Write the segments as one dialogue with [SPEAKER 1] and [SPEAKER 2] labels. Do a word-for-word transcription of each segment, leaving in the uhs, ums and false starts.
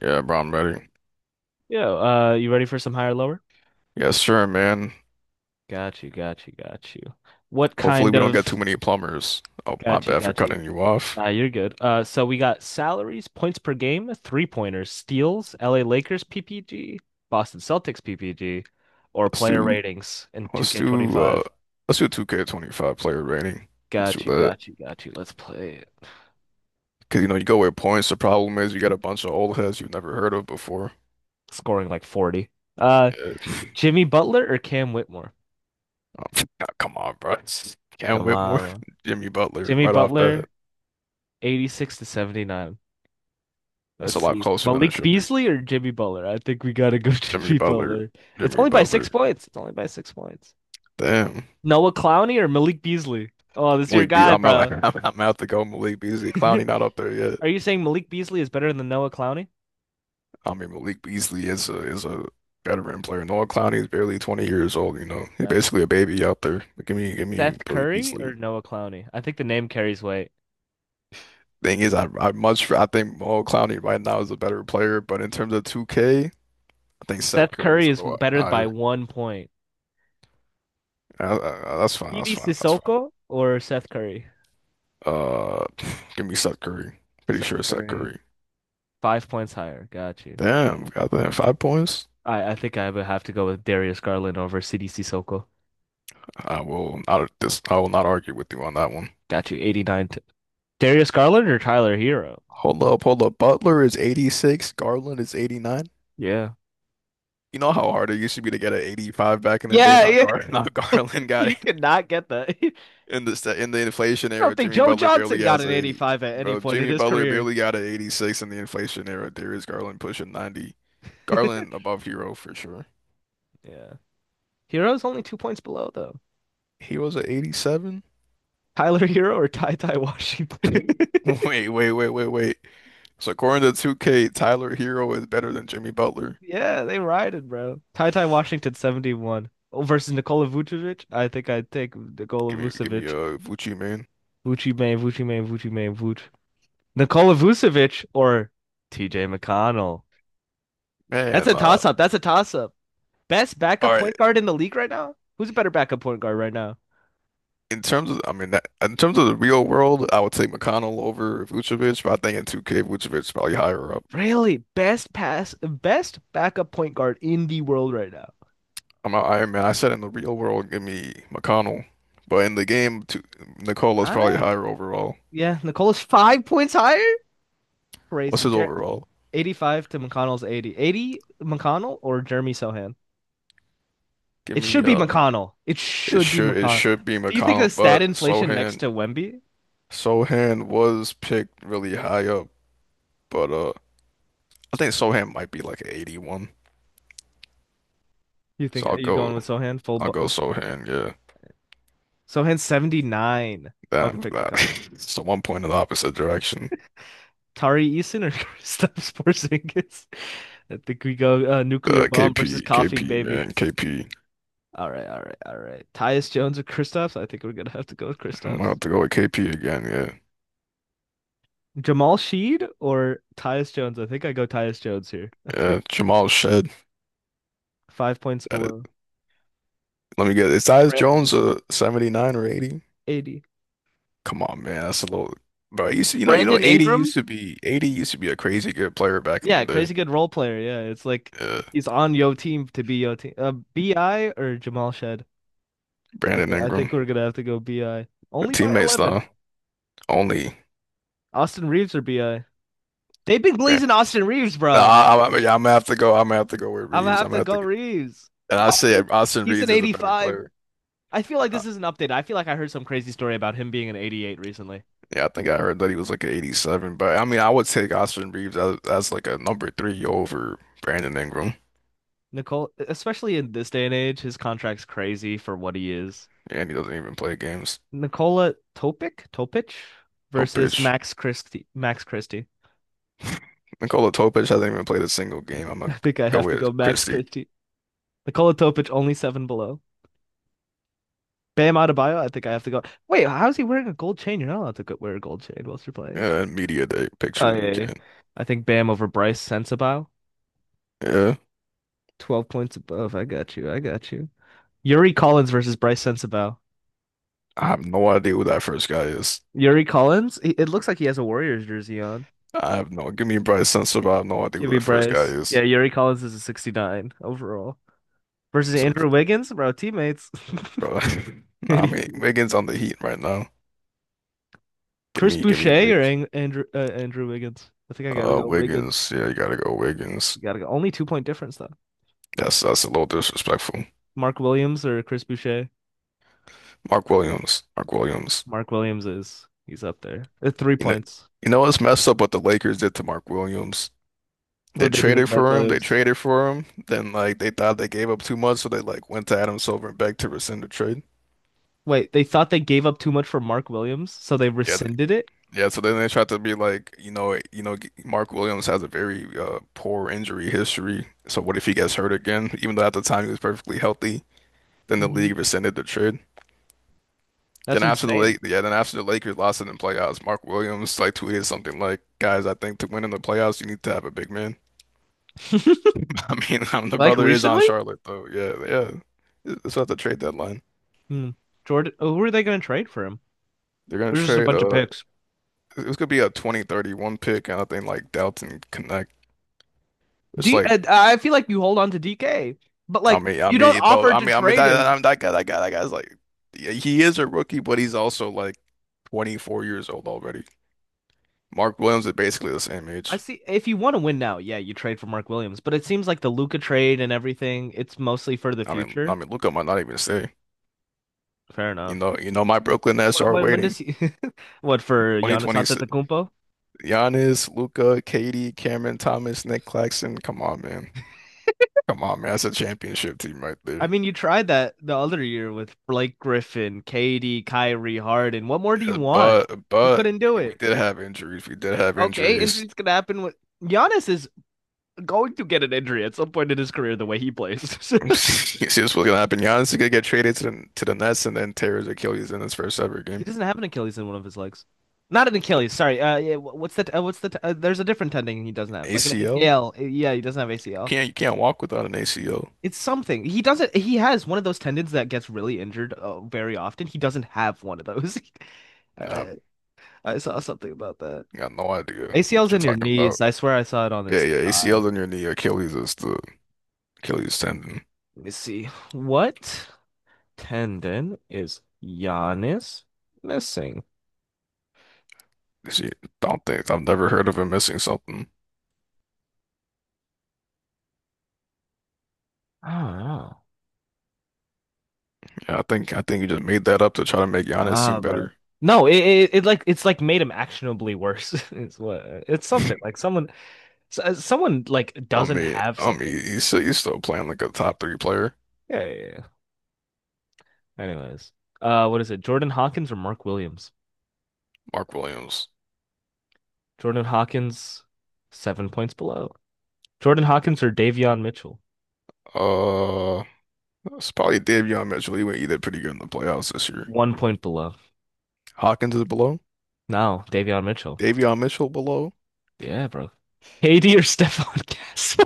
[SPEAKER 1] Yeah, bro, I'm ready.
[SPEAKER 2] Yeah, uh, you ready for some higher lower?
[SPEAKER 1] Yeah, sure, man.
[SPEAKER 2] Got you, got you, got you. What
[SPEAKER 1] Hopefully
[SPEAKER 2] kind
[SPEAKER 1] we don't get too
[SPEAKER 2] of
[SPEAKER 1] many plumbers. Oh, my
[SPEAKER 2] got you,
[SPEAKER 1] bad for
[SPEAKER 2] got you.
[SPEAKER 1] cutting you off.
[SPEAKER 2] Nah, you're good. Uh, so we got salaries, points per game, three pointers, steals, L A Lakers P P G, Boston Celtics P P G, or
[SPEAKER 1] Let's
[SPEAKER 2] player
[SPEAKER 1] do
[SPEAKER 2] ratings in
[SPEAKER 1] let's do uh
[SPEAKER 2] two K twenty-five.
[SPEAKER 1] let's do two K twenty-five player rating. Let's do
[SPEAKER 2] Got you,
[SPEAKER 1] that.
[SPEAKER 2] got you, got you. Let's play it.
[SPEAKER 1] Cause you know you go with points. The problem is you got a bunch of old heads you've never heard of before.
[SPEAKER 2] Scoring like forty. Uh,
[SPEAKER 1] Yeah.
[SPEAKER 2] Jimmy Butler or Cam Whitmore?
[SPEAKER 1] Oh, come on, bro. Cam
[SPEAKER 2] Come
[SPEAKER 1] Whitmore,
[SPEAKER 2] on.
[SPEAKER 1] Jimmy Butler,
[SPEAKER 2] Jimmy
[SPEAKER 1] right off bat.
[SPEAKER 2] Butler, eighty-six to seventy-nine.
[SPEAKER 1] That's a
[SPEAKER 2] Let's
[SPEAKER 1] lot
[SPEAKER 2] see.
[SPEAKER 1] closer than it
[SPEAKER 2] Malik
[SPEAKER 1] should be.
[SPEAKER 2] Beasley or Jimmy Butler? I think we gotta go
[SPEAKER 1] Jimmy
[SPEAKER 2] Jimmy
[SPEAKER 1] Butler,
[SPEAKER 2] Butler. It's
[SPEAKER 1] Jimmy
[SPEAKER 2] only by six
[SPEAKER 1] Butler.
[SPEAKER 2] points. It's only by six points.
[SPEAKER 1] Damn.
[SPEAKER 2] Noah Clowney or Malik Beasley? Oh, this is your
[SPEAKER 1] Malik B.
[SPEAKER 2] guy,
[SPEAKER 1] I'm out,
[SPEAKER 2] bro.
[SPEAKER 1] I'm, I'm out to go Malik Beasley. Clowney not up there yet.
[SPEAKER 2] Are you saying Malik Beasley is better than Noah Clowney?
[SPEAKER 1] I mean, Malik Beasley is a is a veteran player. Noah Clowney is barely twenty years old, you know. He's
[SPEAKER 2] Gotcha.
[SPEAKER 1] basically a baby out there. Give me give me
[SPEAKER 2] Seth
[SPEAKER 1] Billy
[SPEAKER 2] Curry or
[SPEAKER 1] Beasley.
[SPEAKER 2] Noah Clowney? I think the name carries weight.
[SPEAKER 1] Thing is, I I much I think Noah Clowney right now is a better player, but in terms of two K, I think Seth
[SPEAKER 2] Seth
[SPEAKER 1] Curry
[SPEAKER 2] Curry
[SPEAKER 1] is a
[SPEAKER 2] is
[SPEAKER 1] little
[SPEAKER 2] better by
[SPEAKER 1] higher.
[SPEAKER 2] one point.
[SPEAKER 1] Uh, uh, that's fine,
[SPEAKER 2] C D
[SPEAKER 1] that's fine, that's fine.
[SPEAKER 2] Sissoko or Seth Curry?
[SPEAKER 1] Uh, give me Seth Curry. Pretty sure
[SPEAKER 2] Seth
[SPEAKER 1] it's Seth
[SPEAKER 2] Curry.
[SPEAKER 1] Curry.
[SPEAKER 2] Five points higher. Got you.
[SPEAKER 1] Damn, got that five points.
[SPEAKER 2] I, I think I would have to go with Darius Garland over C D Sissoko.
[SPEAKER 1] I will not this I will not argue with you on that one.
[SPEAKER 2] Got you. eighty-nine to. Darius Garland or Tyler Hero?
[SPEAKER 1] Hold up, hold up. Butler is eighty-six, Garland is eighty-nine.
[SPEAKER 2] Yeah.
[SPEAKER 1] You know how hard it used to be to get an eighty-five back in the day?
[SPEAKER 2] Yeah,
[SPEAKER 1] Not
[SPEAKER 2] yeah,
[SPEAKER 1] Gar, not Garland got
[SPEAKER 2] you
[SPEAKER 1] it
[SPEAKER 2] cannot get that. I
[SPEAKER 1] in the sta- in the inflation
[SPEAKER 2] don't
[SPEAKER 1] era.
[SPEAKER 2] think
[SPEAKER 1] Jimmy
[SPEAKER 2] Joe
[SPEAKER 1] Butler
[SPEAKER 2] Johnson
[SPEAKER 1] barely
[SPEAKER 2] got
[SPEAKER 1] has
[SPEAKER 2] an
[SPEAKER 1] an eighty.
[SPEAKER 2] eighty-five at any
[SPEAKER 1] Bro,
[SPEAKER 2] point in
[SPEAKER 1] Jimmy
[SPEAKER 2] his
[SPEAKER 1] Butler
[SPEAKER 2] career.
[SPEAKER 1] barely got an eighty-six in the inflation era. Darius Garland pushing ninety. Garland above hero for sure.
[SPEAKER 2] Yeah. Hero's only two points below, though.
[SPEAKER 1] He was an eighty-seven?
[SPEAKER 2] Tyler Hero or Ty Ty Washington?
[SPEAKER 1] Wait, wait, wait, wait, wait. So according to two K, Tyler Hero is better than Jimmy Butler.
[SPEAKER 2] Yeah, they riding, bro. Ty Ty Washington seventy-one, oh, versus Nikola Vucevic. I think I'd take Nikola
[SPEAKER 1] Give me, give me
[SPEAKER 2] Vucevic.
[SPEAKER 1] a Vucci man.
[SPEAKER 2] Vucci May, Vucci May, Vucci May, Vuc. Nikola Vucevic or T J McConnell. That's
[SPEAKER 1] Man,
[SPEAKER 2] a
[SPEAKER 1] uh,
[SPEAKER 2] toss up. That's a toss up. Best
[SPEAKER 1] all
[SPEAKER 2] backup
[SPEAKER 1] right.
[SPEAKER 2] point guard in the league right now? Who's a better backup point guard right now?
[SPEAKER 1] In terms of, I mean, that, in terms of the real world, I would take McConnell over Vucevic, but I think in two K, Vucevic's probably higher up.
[SPEAKER 2] Really? Best pass, best backup point guard in the world right now.
[SPEAKER 1] I'm not Iron Man. I said in the real world, give me McConnell, but in the game, two, Nicolo's probably
[SPEAKER 2] I
[SPEAKER 1] higher overall.
[SPEAKER 2] yeah, Nicola's five points higher.
[SPEAKER 1] What's
[SPEAKER 2] Crazy.
[SPEAKER 1] his
[SPEAKER 2] Jer-
[SPEAKER 1] overall?
[SPEAKER 2] eighty-five to McConnell's eighty. eighty McConnell or Jeremy Sohan?
[SPEAKER 1] Give
[SPEAKER 2] It
[SPEAKER 1] me,
[SPEAKER 2] should be
[SPEAKER 1] uh,
[SPEAKER 2] McConnell. It
[SPEAKER 1] it
[SPEAKER 2] should be
[SPEAKER 1] should it
[SPEAKER 2] McConnell.
[SPEAKER 1] should be
[SPEAKER 2] Do you think the
[SPEAKER 1] McConnell,
[SPEAKER 2] stat
[SPEAKER 1] but
[SPEAKER 2] inflation next
[SPEAKER 1] Sohan
[SPEAKER 2] to Wemby?
[SPEAKER 1] Sohan was picked really high up, but uh, I think Sohan might be like eighty-one,
[SPEAKER 2] You think
[SPEAKER 1] so
[SPEAKER 2] are
[SPEAKER 1] I'll
[SPEAKER 2] you
[SPEAKER 1] go
[SPEAKER 2] going with Sohan full?
[SPEAKER 1] I'll
[SPEAKER 2] Bu-
[SPEAKER 1] go Sohan. Yeah,
[SPEAKER 2] Sohan seventy-nine. I would have
[SPEAKER 1] damn,
[SPEAKER 2] picked
[SPEAKER 1] that.
[SPEAKER 2] McConnell.
[SPEAKER 1] It's the one point in the opposite direction.
[SPEAKER 2] Tari Eason or Kristaps Porzingis? I think we go uh, nuclear
[SPEAKER 1] Uh,
[SPEAKER 2] bomb versus
[SPEAKER 1] K P,
[SPEAKER 2] coffee
[SPEAKER 1] K P,
[SPEAKER 2] baby.
[SPEAKER 1] man, KP.
[SPEAKER 2] All right, all right, all right. Tyus Jones or Kristaps? I think we're gonna have to go with
[SPEAKER 1] I'm gonna
[SPEAKER 2] Kristaps.
[SPEAKER 1] have to go with K P again.
[SPEAKER 2] Jamal Sheed or Tyus Jones? I think I go Tyus Jones here. I
[SPEAKER 1] Yeah,
[SPEAKER 2] think
[SPEAKER 1] yeah. Jamal Shed.
[SPEAKER 2] five points
[SPEAKER 1] That is-
[SPEAKER 2] below.
[SPEAKER 1] Let me get. Is Tyus Jones
[SPEAKER 2] Brandon.
[SPEAKER 1] a seventy-nine or eighty?
[SPEAKER 2] eighty.
[SPEAKER 1] Come on, man. That's a little. Bro, you see, you know, you know,
[SPEAKER 2] Brandon
[SPEAKER 1] 80
[SPEAKER 2] Ingram?
[SPEAKER 1] used to be 80 used to be a crazy good player back in the
[SPEAKER 2] Yeah,
[SPEAKER 1] day.
[SPEAKER 2] crazy good role player. Yeah, it's like
[SPEAKER 1] Yeah,
[SPEAKER 2] he's on yo team to be yo team. Uh, B I or Jamal Shed? I
[SPEAKER 1] Brandon
[SPEAKER 2] think I
[SPEAKER 1] Ingram.
[SPEAKER 2] think we're gonna have to go B I.
[SPEAKER 1] The
[SPEAKER 2] Only by
[SPEAKER 1] teammates
[SPEAKER 2] eleven.
[SPEAKER 1] though, only.
[SPEAKER 2] Austin Reeves or B I? They've been
[SPEAKER 1] Bran-
[SPEAKER 2] blazing Austin Reeves,
[SPEAKER 1] Nah,
[SPEAKER 2] bro.
[SPEAKER 1] I, I, yeah, I'm gonna have to go. I'm gonna have to go with
[SPEAKER 2] I'm gonna
[SPEAKER 1] Reeves. I'm
[SPEAKER 2] have
[SPEAKER 1] gonna
[SPEAKER 2] to
[SPEAKER 1] have to.
[SPEAKER 2] go
[SPEAKER 1] Go.
[SPEAKER 2] Reeves.
[SPEAKER 1] And I
[SPEAKER 2] No,
[SPEAKER 1] say Austin
[SPEAKER 2] he's
[SPEAKER 1] Reeves
[SPEAKER 2] an
[SPEAKER 1] is a better
[SPEAKER 2] eighty-five.
[SPEAKER 1] player.
[SPEAKER 2] I feel like this is an update. I feel like I heard some crazy story about him being an eighty-eight recently.
[SPEAKER 1] Yeah, I think I heard that he was like an eighty-seven, but I mean, I
[SPEAKER 2] Yeah.
[SPEAKER 1] would take Austin Reeves as, as like a number three over Brandon Ingram,
[SPEAKER 2] Nicole, especially in this day and age, his contract's crazy for what he is.
[SPEAKER 1] and he doesn't even play games.
[SPEAKER 2] Nikola Topic, Topic versus
[SPEAKER 1] Topic.
[SPEAKER 2] Max Christie. Max Christie.
[SPEAKER 1] Nikola Topic hasn't even played a single game. I'm
[SPEAKER 2] I
[SPEAKER 1] gonna
[SPEAKER 2] think I
[SPEAKER 1] go
[SPEAKER 2] have to
[SPEAKER 1] with
[SPEAKER 2] go Max
[SPEAKER 1] Christie.
[SPEAKER 2] Christie. Nikola Topic only seven below. Bam Adebayo. I think I have to go. Wait, how is he wearing a gold chain? You're not allowed to wear a gold chain whilst you're playing.
[SPEAKER 1] Uh, media day
[SPEAKER 2] Oh
[SPEAKER 1] pictures you
[SPEAKER 2] yeah, yeah.
[SPEAKER 1] can.
[SPEAKER 2] I think Bam over Bryce Sensabaugh.
[SPEAKER 1] Yeah,
[SPEAKER 2] twelve points above. I got you. I got you. Yuri Collins versus Bryce Sensabaugh.
[SPEAKER 1] I have no idea who that first guy is.
[SPEAKER 2] Yuri Collins, he, it looks like he has a Warriors jersey on.
[SPEAKER 1] I have no. Give me Bryce Sensabaugh. I have no idea
[SPEAKER 2] Give
[SPEAKER 1] who
[SPEAKER 2] me
[SPEAKER 1] that first guy
[SPEAKER 2] Bryce. Yeah,
[SPEAKER 1] is.
[SPEAKER 2] Yuri Collins is a sixty-nine overall. Versus
[SPEAKER 1] So,
[SPEAKER 2] Andrew Wiggins, bro, teammates.
[SPEAKER 1] bro, nah, I mean
[SPEAKER 2] eighty-two.
[SPEAKER 1] Wiggins on the Heat right now. Give
[SPEAKER 2] Chris
[SPEAKER 1] me, give me
[SPEAKER 2] Boucher or
[SPEAKER 1] Wiggs.
[SPEAKER 2] Ang Andrew uh, Andrew Wiggins? I think I gotta
[SPEAKER 1] Uh,
[SPEAKER 2] go Wiggins.
[SPEAKER 1] Wiggins. Yeah, you gotta go Wiggins.
[SPEAKER 2] You gotta go. Only two point difference though.
[SPEAKER 1] That's that's a little disrespectful.
[SPEAKER 2] Mark Williams or Chris Boucher?
[SPEAKER 1] Mark Williams. Mark Williams.
[SPEAKER 2] Mark Williams, is he's up there. Uh, Three
[SPEAKER 1] You know
[SPEAKER 2] points.
[SPEAKER 1] you know what's messed up what the Lakers did to Mark Williams? They
[SPEAKER 2] What they do to
[SPEAKER 1] traded
[SPEAKER 2] Mark
[SPEAKER 1] for him, they
[SPEAKER 2] Williams?
[SPEAKER 1] traded for him, then like they thought they gave up too much, so they like went to Adam Silver and begged to rescind the trade.
[SPEAKER 2] Wait, they thought they gave up too much for Mark Williams, so they
[SPEAKER 1] Yeah, they,
[SPEAKER 2] rescinded it?
[SPEAKER 1] yeah, so then they tried to be like, you know, you know, g- Mark Williams has a very uh, poor injury history. So what if he gets hurt again? Even though at the time he was perfectly healthy, then the
[SPEAKER 2] Hmm.
[SPEAKER 1] league rescinded the trade. Then
[SPEAKER 2] That's
[SPEAKER 1] after the
[SPEAKER 2] insane.
[SPEAKER 1] late, yeah, then after the Lakers lost it in the playoffs, Mark Williams like tweeted something like, "Guys, I think to win in the playoffs, you need to have a big man." I mean, um, the
[SPEAKER 2] Like
[SPEAKER 1] brother is on
[SPEAKER 2] recently?
[SPEAKER 1] Charlotte though. Yeah, yeah. It's at the trade deadline.
[SPEAKER 2] Hmm. Jordan, oh, who are they going to trade for him?
[SPEAKER 1] They're gonna
[SPEAKER 2] There's just a
[SPEAKER 1] trade.
[SPEAKER 2] bunch of
[SPEAKER 1] Uh,
[SPEAKER 2] picks.
[SPEAKER 1] it's gonna be a twenty thirty-one pick, and I think like Dalton Connect. It's
[SPEAKER 2] D.
[SPEAKER 1] like,
[SPEAKER 2] I feel like you hold on to D K, but
[SPEAKER 1] I
[SPEAKER 2] like
[SPEAKER 1] mean, I
[SPEAKER 2] you don't
[SPEAKER 1] mean, bro,
[SPEAKER 2] offer
[SPEAKER 1] I
[SPEAKER 2] to
[SPEAKER 1] mean, I mean
[SPEAKER 2] trade him.
[SPEAKER 1] that, that that guy, that guy, that guy's like, yeah, he is a rookie, but he's also like twenty-four years old already. Mark Williams is basically the same
[SPEAKER 2] I
[SPEAKER 1] age.
[SPEAKER 2] see. If you want to win now, yeah, you trade for Mark Williams. But it seems like the Luca trade and everything, it's mostly for the
[SPEAKER 1] I mean, I
[SPEAKER 2] future.
[SPEAKER 1] mean, Luka might not even stay.
[SPEAKER 2] Fair
[SPEAKER 1] You
[SPEAKER 2] enough.
[SPEAKER 1] know, you know, my Brooklyn Nets are
[SPEAKER 2] When, when does
[SPEAKER 1] waiting.
[SPEAKER 2] he? What for Giannis
[SPEAKER 1] twenty twenty,
[SPEAKER 2] Antetokounmpo?
[SPEAKER 1] Giannis, Luca, K D, Cameron Thomas, Nick Claxton. Come on, man. Come on, man. That's a championship team right
[SPEAKER 2] I
[SPEAKER 1] there.
[SPEAKER 2] mean, you tried that the other year with Blake Griffin, K D, Kyrie, Harden. What more do you
[SPEAKER 1] Yeah,
[SPEAKER 2] want?
[SPEAKER 1] But
[SPEAKER 2] You
[SPEAKER 1] but
[SPEAKER 2] couldn't do
[SPEAKER 1] we
[SPEAKER 2] it.
[SPEAKER 1] did have injuries. We did have
[SPEAKER 2] Okay,
[SPEAKER 1] injuries.
[SPEAKER 2] injuries could happen. With Giannis is going to get an injury at some point in his career the way he plays.
[SPEAKER 1] You see what's gonna happen. Giannis is gonna get traded to the to the Nets and then tear his Achilles in his first ever
[SPEAKER 2] He
[SPEAKER 1] game.
[SPEAKER 2] doesn't have an Achilles in one of his legs. Not an Achilles, sorry. Uh, yeah, wh- what's that? Uh, what's the? T- uh, there's a different tendon he doesn't have, like an
[SPEAKER 1] A C L?
[SPEAKER 2] A C L. Uh, Yeah, he doesn't have
[SPEAKER 1] You
[SPEAKER 2] A C L.
[SPEAKER 1] can't you can't walk without an A C L.
[SPEAKER 2] It's something. He doesn't. He has one of those tendons that gets really injured uh, very often. He doesn't have one of those.
[SPEAKER 1] Nah,
[SPEAKER 2] I, I I saw something about that.
[SPEAKER 1] I got no idea what
[SPEAKER 2] A C L's
[SPEAKER 1] you're
[SPEAKER 2] in your
[SPEAKER 1] talking
[SPEAKER 2] knees.
[SPEAKER 1] about.
[SPEAKER 2] I swear I saw it on
[SPEAKER 1] Yeah,
[SPEAKER 2] his
[SPEAKER 1] yeah, A C L
[SPEAKER 2] thigh.
[SPEAKER 1] in your knee, Achilles is the Achilles tendon.
[SPEAKER 2] Let me see. What tendon is Giannis missing?
[SPEAKER 1] See, don't think I've never heard of him missing something.
[SPEAKER 2] I don't know.
[SPEAKER 1] Yeah, I think I think you just made that up to try to make Giannis
[SPEAKER 2] Ah,
[SPEAKER 1] seem
[SPEAKER 2] bro.
[SPEAKER 1] better.
[SPEAKER 2] No, it, it it like it's like made him actionably worse. It's what it's something like someone s- uh, someone like
[SPEAKER 1] I
[SPEAKER 2] doesn't
[SPEAKER 1] mean,
[SPEAKER 2] have
[SPEAKER 1] I mean,
[SPEAKER 2] something.
[SPEAKER 1] he's still, he's still playing like a top three player.
[SPEAKER 2] Yeah, yeah, yeah. Anyways, uh, what is it? Jordan Hawkins or Mark Williams?
[SPEAKER 1] Mark Williams.
[SPEAKER 2] Jordan Hawkins, seven points below. Jordan Hawkins or Davion Mitchell,
[SPEAKER 1] Uh, it's probably Davion Mitchell. He went either pretty good in the playoffs this year.
[SPEAKER 2] one point below.
[SPEAKER 1] Hawkins is below.
[SPEAKER 2] No, Davion Mitchell.
[SPEAKER 1] Davion Mitchell below.
[SPEAKER 2] Yeah, bro. K D or Stephon Castle?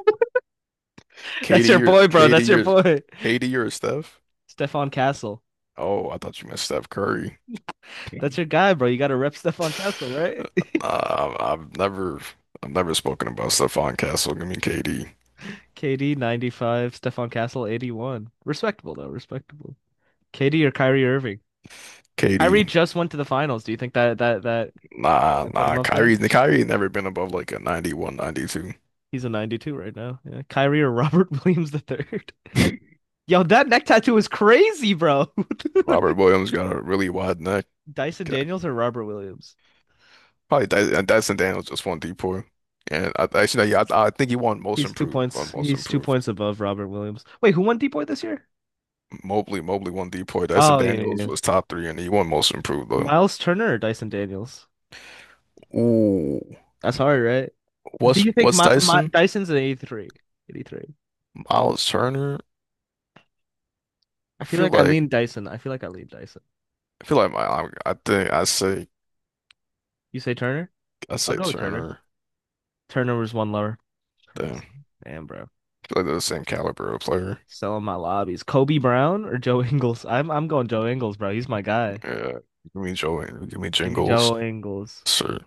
[SPEAKER 2] That's
[SPEAKER 1] KD
[SPEAKER 2] your
[SPEAKER 1] your
[SPEAKER 2] boy, bro.
[SPEAKER 1] KD
[SPEAKER 2] That's your
[SPEAKER 1] your
[SPEAKER 2] boy.
[SPEAKER 1] KD your Steph.
[SPEAKER 2] Stephon Castle.
[SPEAKER 1] Oh, I thought you meant Steph Curry.
[SPEAKER 2] That's your guy, bro. You gotta rep Stephon Castle, right?
[SPEAKER 1] Uh, I've I've never I've never spoken about Stephon Castle. Give me K D.
[SPEAKER 2] K D ninety-five, Stephon Castle eighty-one. Respectable though, respectable. K D or Kyrie Irving?
[SPEAKER 1] K D.
[SPEAKER 2] Kyrie just went to the finals. Do you think that that that
[SPEAKER 1] Nah,
[SPEAKER 2] I put him
[SPEAKER 1] nah.
[SPEAKER 2] up there?
[SPEAKER 1] Kyrie, Kyrie never been above like a ninety-one, ninety-two.
[SPEAKER 2] He's a ninety-two right now. Yeah. Kyrie or Robert Williams the third. Yo, that neck tattoo is crazy, bro.
[SPEAKER 1] Robert Williams got a really wide neck.
[SPEAKER 2] Dyson Daniels or Robert Williams?
[SPEAKER 1] Probably Dy- and Dyson Daniels just won D four. And I actually, yeah, I, I think he won most
[SPEAKER 2] He's two
[SPEAKER 1] improved, won
[SPEAKER 2] points.
[SPEAKER 1] most
[SPEAKER 2] He's two
[SPEAKER 1] improved.
[SPEAKER 2] points above Robert Williams. Wait, who won D Boy this year?
[SPEAKER 1] Mobley, Mobley won D four. Dyson
[SPEAKER 2] Oh yeah, yeah,
[SPEAKER 1] Daniels
[SPEAKER 2] yeah.
[SPEAKER 1] was top three, and he won most improved though.
[SPEAKER 2] Miles Turner or Dyson Daniels?
[SPEAKER 1] Ooh,
[SPEAKER 2] That's hard, right? Do
[SPEAKER 1] what's
[SPEAKER 2] you think
[SPEAKER 1] what's
[SPEAKER 2] my, my
[SPEAKER 1] Dyson?
[SPEAKER 2] Dyson's an eighty-three? eighty-three.
[SPEAKER 1] Miles Turner?
[SPEAKER 2] I
[SPEAKER 1] I
[SPEAKER 2] feel
[SPEAKER 1] feel
[SPEAKER 2] like I
[SPEAKER 1] like
[SPEAKER 2] lean Dyson. I feel like I lean Dyson.
[SPEAKER 1] I feel like my I, I think I say
[SPEAKER 2] You say Turner?
[SPEAKER 1] I
[SPEAKER 2] I'll
[SPEAKER 1] say
[SPEAKER 2] go with Turner.
[SPEAKER 1] Turner.
[SPEAKER 2] Turner was one lower. Turner
[SPEAKER 1] Damn, I
[SPEAKER 2] was
[SPEAKER 1] feel
[SPEAKER 2] damn, bro.
[SPEAKER 1] like they're the same caliber of player.
[SPEAKER 2] Selling my lobbies. Kobe Brown or Joe Ingles? I'm I'm going Joe Ingles, bro. He's my guy.
[SPEAKER 1] Yeah, give me Joe, give me
[SPEAKER 2] Give me
[SPEAKER 1] Jingles.
[SPEAKER 2] Joe Ingles.
[SPEAKER 1] Sir,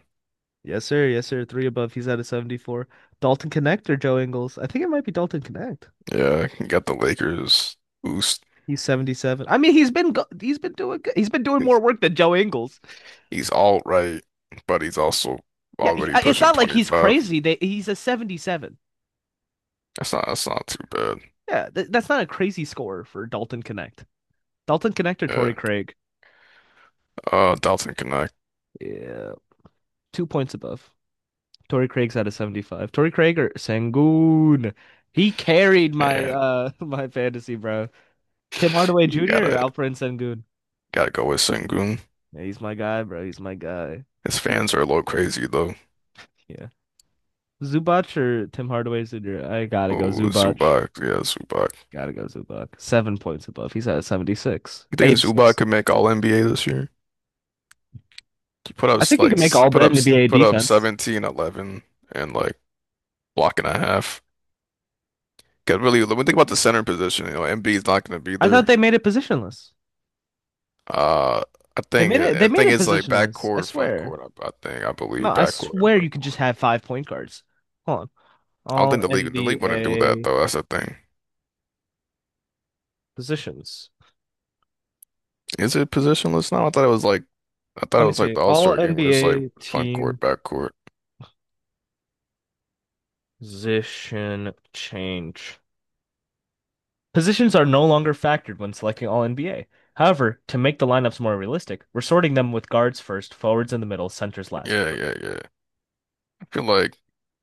[SPEAKER 2] Yes, sir. Yes, sir. Three above. He's at a seventy-four. Dalton Connect or Joe Ingles? I think it might be Dalton Connect.
[SPEAKER 1] yeah, got the Lakers boost.
[SPEAKER 2] He's seventy-seven. I mean, he's been go- he's been doing good. He's been doing more
[SPEAKER 1] He's,
[SPEAKER 2] work than Joe Ingles.
[SPEAKER 1] he's all right, but he's also
[SPEAKER 2] Yeah, he,
[SPEAKER 1] already
[SPEAKER 2] uh, it's
[SPEAKER 1] pushing
[SPEAKER 2] not like he's
[SPEAKER 1] twenty-five.
[SPEAKER 2] crazy. They, he's a seventy-seven.
[SPEAKER 1] That's not that's not too bad.
[SPEAKER 2] Yeah, th- that's not a crazy score for Dalton Connect. Dalton Connect or Torrey
[SPEAKER 1] Yeah,
[SPEAKER 2] Craig?
[SPEAKER 1] uh, Dalton Connect,
[SPEAKER 2] Yeah, two points above. Torrey Craig's at a seventy-five. Torrey Craig or Sangoon? He carried my
[SPEAKER 1] and
[SPEAKER 2] uh my fantasy, bro. Tim Hardaway
[SPEAKER 1] you
[SPEAKER 2] Junior or
[SPEAKER 1] gotta
[SPEAKER 2] Alperen Sengun?
[SPEAKER 1] gotta go with Sengun.
[SPEAKER 2] Yeah, he's my guy, bro. He's my guy.
[SPEAKER 1] His fans are a little crazy though.
[SPEAKER 2] Yeah. Zubac or Tim Hardaway Junior? I gotta go
[SPEAKER 1] Oh,
[SPEAKER 2] Zubac.
[SPEAKER 1] Zubac, yeah, Zubac.
[SPEAKER 2] Gotta go Zubac. Seven points above. He's at seventy-six.
[SPEAKER 1] You think Zubac
[SPEAKER 2] eighty-six.
[SPEAKER 1] could make All N B A this year? He put up
[SPEAKER 2] I think he can
[SPEAKER 1] like
[SPEAKER 2] make
[SPEAKER 1] he
[SPEAKER 2] all the
[SPEAKER 1] put up
[SPEAKER 2] N B A
[SPEAKER 1] put up
[SPEAKER 2] defense.
[SPEAKER 1] seventeen, eleven, and like block and a half. Because really, when we think about the center position, you know, Embiid's not going to be
[SPEAKER 2] I thought
[SPEAKER 1] there.
[SPEAKER 2] they made it positionless.
[SPEAKER 1] Uh, I
[SPEAKER 2] They
[SPEAKER 1] think
[SPEAKER 2] made
[SPEAKER 1] it-
[SPEAKER 2] it they
[SPEAKER 1] I
[SPEAKER 2] made
[SPEAKER 1] think
[SPEAKER 2] it
[SPEAKER 1] it's like
[SPEAKER 2] positionless. I
[SPEAKER 1] backcourt, front
[SPEAKER 2] swear.
[SPEAKER 1] court. I, I think I
[SPEAKER 2] No,
[SPEAKER 1] believe
[SPEAKER 2] I
[SPEAKER 1] backcourt and
[SPEAKER 2] swear you
[SPEAKER 1] front
[SPEAKER 2] could just
[SPEAKER 1] court.
[SPEAKER 2] have five point guards. Hold on.
[SPEAKER 1] I don't think
[SPEAKER 2] All
[SPEAKER 1] the league the league wouldn't do that
[SPEAKER 2] N B A
[SPEAKER 1] though. That's the thing.
[SPEAKER 2] positions.
[SPEAKER 1] Is it positionless now? I thought it was like I thought
[SPEAKER 2] Let
[SPEAKER 1] it
[SPEAKER 2] me
[SPEAKER 1] was like
[SPEAKER 2] see.
[SPEAKER 1] the
[SPEAKER 2] All
[SPEAKER 1] All-Star game where it's like
[SPEAKER 2] N B A
[SPEAKER 1] front
[SPEAKER 2] team
[SPEAKER 1] court, back court.
[SPEAKER 2] position change. Positions are no longer factored when selecting all N B A. However, to make the lineups more realistic, we're sorting them with guards first, forwards in the middle, centers last.
[SPEAKER 1] Yeah, yeah, yeah. I feel like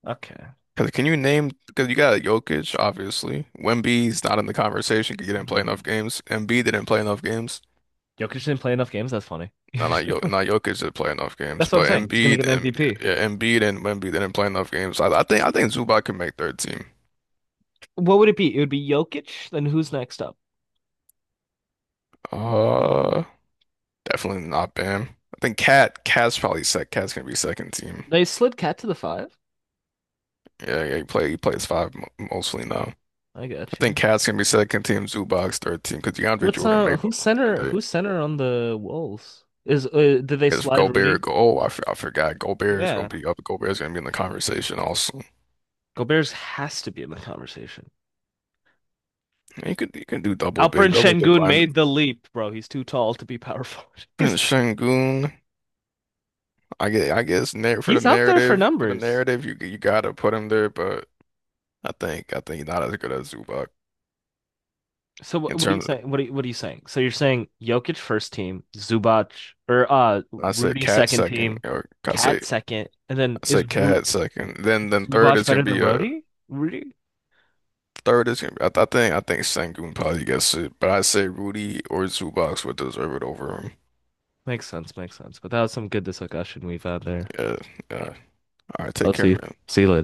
[SPEAKER 2] Okay.
[SPEAKER 1] because can you name because you got Jokic obviously. Wemby's not in the conversation because he didn't play enough
[SPEAKER 2] Hmm.
[SPEAKER 1] games. Embiid didn't play enough games.
[SPEAKER 2] Jokic didn't play enough games. That's funny.
[SPEAKER 1] No, not Jokic.
[SPEAKER 2] That's
[SPEAKER 1] Not Jokic didn't play enough games,
[SPEAKER 2] what I'm
[SPEAKER 1] but
[SPEAKER 2] saying. He's gonna
[SPEAKER 1] Embiid
[SPEAKER 2] get an
[SPEAKER 1] and
[SPEAKER 2] M V P.
[SPEAKER 1] yeah, Embiid and Wemby didn't play enough games. I, I think I think Zubac can make third team.
[SPEAKER 2] What would it be? It would be Jokic. Then who's next up?
[SPEAKER 1] Uh, Definitely not Bam. I think Cat Cat's probably sec. Cat's gonna be second team.
[SPEAKER 2] They slid Cat to the five.
[SPEAKER 1] Yeah, yeah, he play he plays five mo mostly now.
[SPEAKER 2] I
[SPEAKER 1] I
[SPEAKER 2] got
[SPEAKER 1] think
[SPEAKER 2] you.
[SPEAKER 1] Cat's gonna be second team, Zubac's third team because DeAndre
[SPEAKER 2] What's
[SPEAKER 1] Jordan
[SPEAKER 2] uh?
[SPEAKER 1] made one
[SPEAKER 2] Who's
[SPEAKER 1] back in
[SPEAKER 2] center?
[SPEAKER 1] the day.
[SPEAKER 2] Who's center on the Wolves? Is uh, did they
[SPEAKER 1] Because
[SPEAKER 2] slide
[SPEAKER 1] Gobert,
[SPEAKER 2] Rudy?
[SPEAKER 1] go, oh, I, f I forgot. Gobert is
[SPEAKER 2] Yeah,
[SPEAKER 1] gonna be up. Gobert's gonna be in the conversation also.
[SPEAKER 2] Gobert's has to be in the conversation.
[SPEAKER 1] you could you can do double big,
[SPEAKER 2] Alperen
[SPEAKER 1] double big
[SPEAKER 2] Şengün
[SPEAKER 1] line.
[SPEAKER 2] made the leap, bro. He's too tall to be power forward. He's
[SPEAKER 1] And
[SPEAKER 2] too-
[SPEAKER 1] Şengün. I guess, I guess nar for the
[SPEAKER 2] he's up there for
[SPEAKER 1] narrative, for the
[SPEAKER 2] numbers.
[SPEAKER 1] narrative, you you gotta put him there, but I think I think he's not as good as Zubac
[SPEAKER 2] So what,
[SPEAKER 1] in
[SPEAKER 2] what are you
[SPEAKER 1] terms
[SPEAKER 2] saying? What are you, what are you saying? So you're saying Jokic first team, Zubac or uh
[SPEAKER 1] of, I said
[SPEAKER 2] Rudy
[SPEAKER 1] Cat
[SPEAKER 2] second
[SPEAKER 1] second,
[SPEAKER 2] team,
[SPEAKER 1] or I say
[SPEAKER 2] Cat second, and then
[SPEAKER 1] I
[SPEAKER 2] is
[SPEAKER 1] said
[SPEAKER 2] Ru
[SPEAKER 1] Cat second. Then
[SPEAKER 2] is
[SPEAKER 1] then third
[SPEAKER 2] Zubac
[SPEAKER 1] is gonna
[SPEAKER 2] better than
[SPEAKER 1] be a
[SPEAKER 2] Rudy? Rudy?
[SPEAKER 1] third is gonna be, I, I think I think Sengun probably gets it, but I say Rudy or Zubac would deserve it over him.
[SPEAKER 2] Makes sense, makes sense. But that was some good discussion we've had there.
[SPEAKER 1] Yeah, yeah. All right, take
[SPEAKER 2] I'll
[SPEAKER 1] care,
[SPEAKER 2] see you.
[SPEAKER 1] man.
[SPEAKER 2] See you later.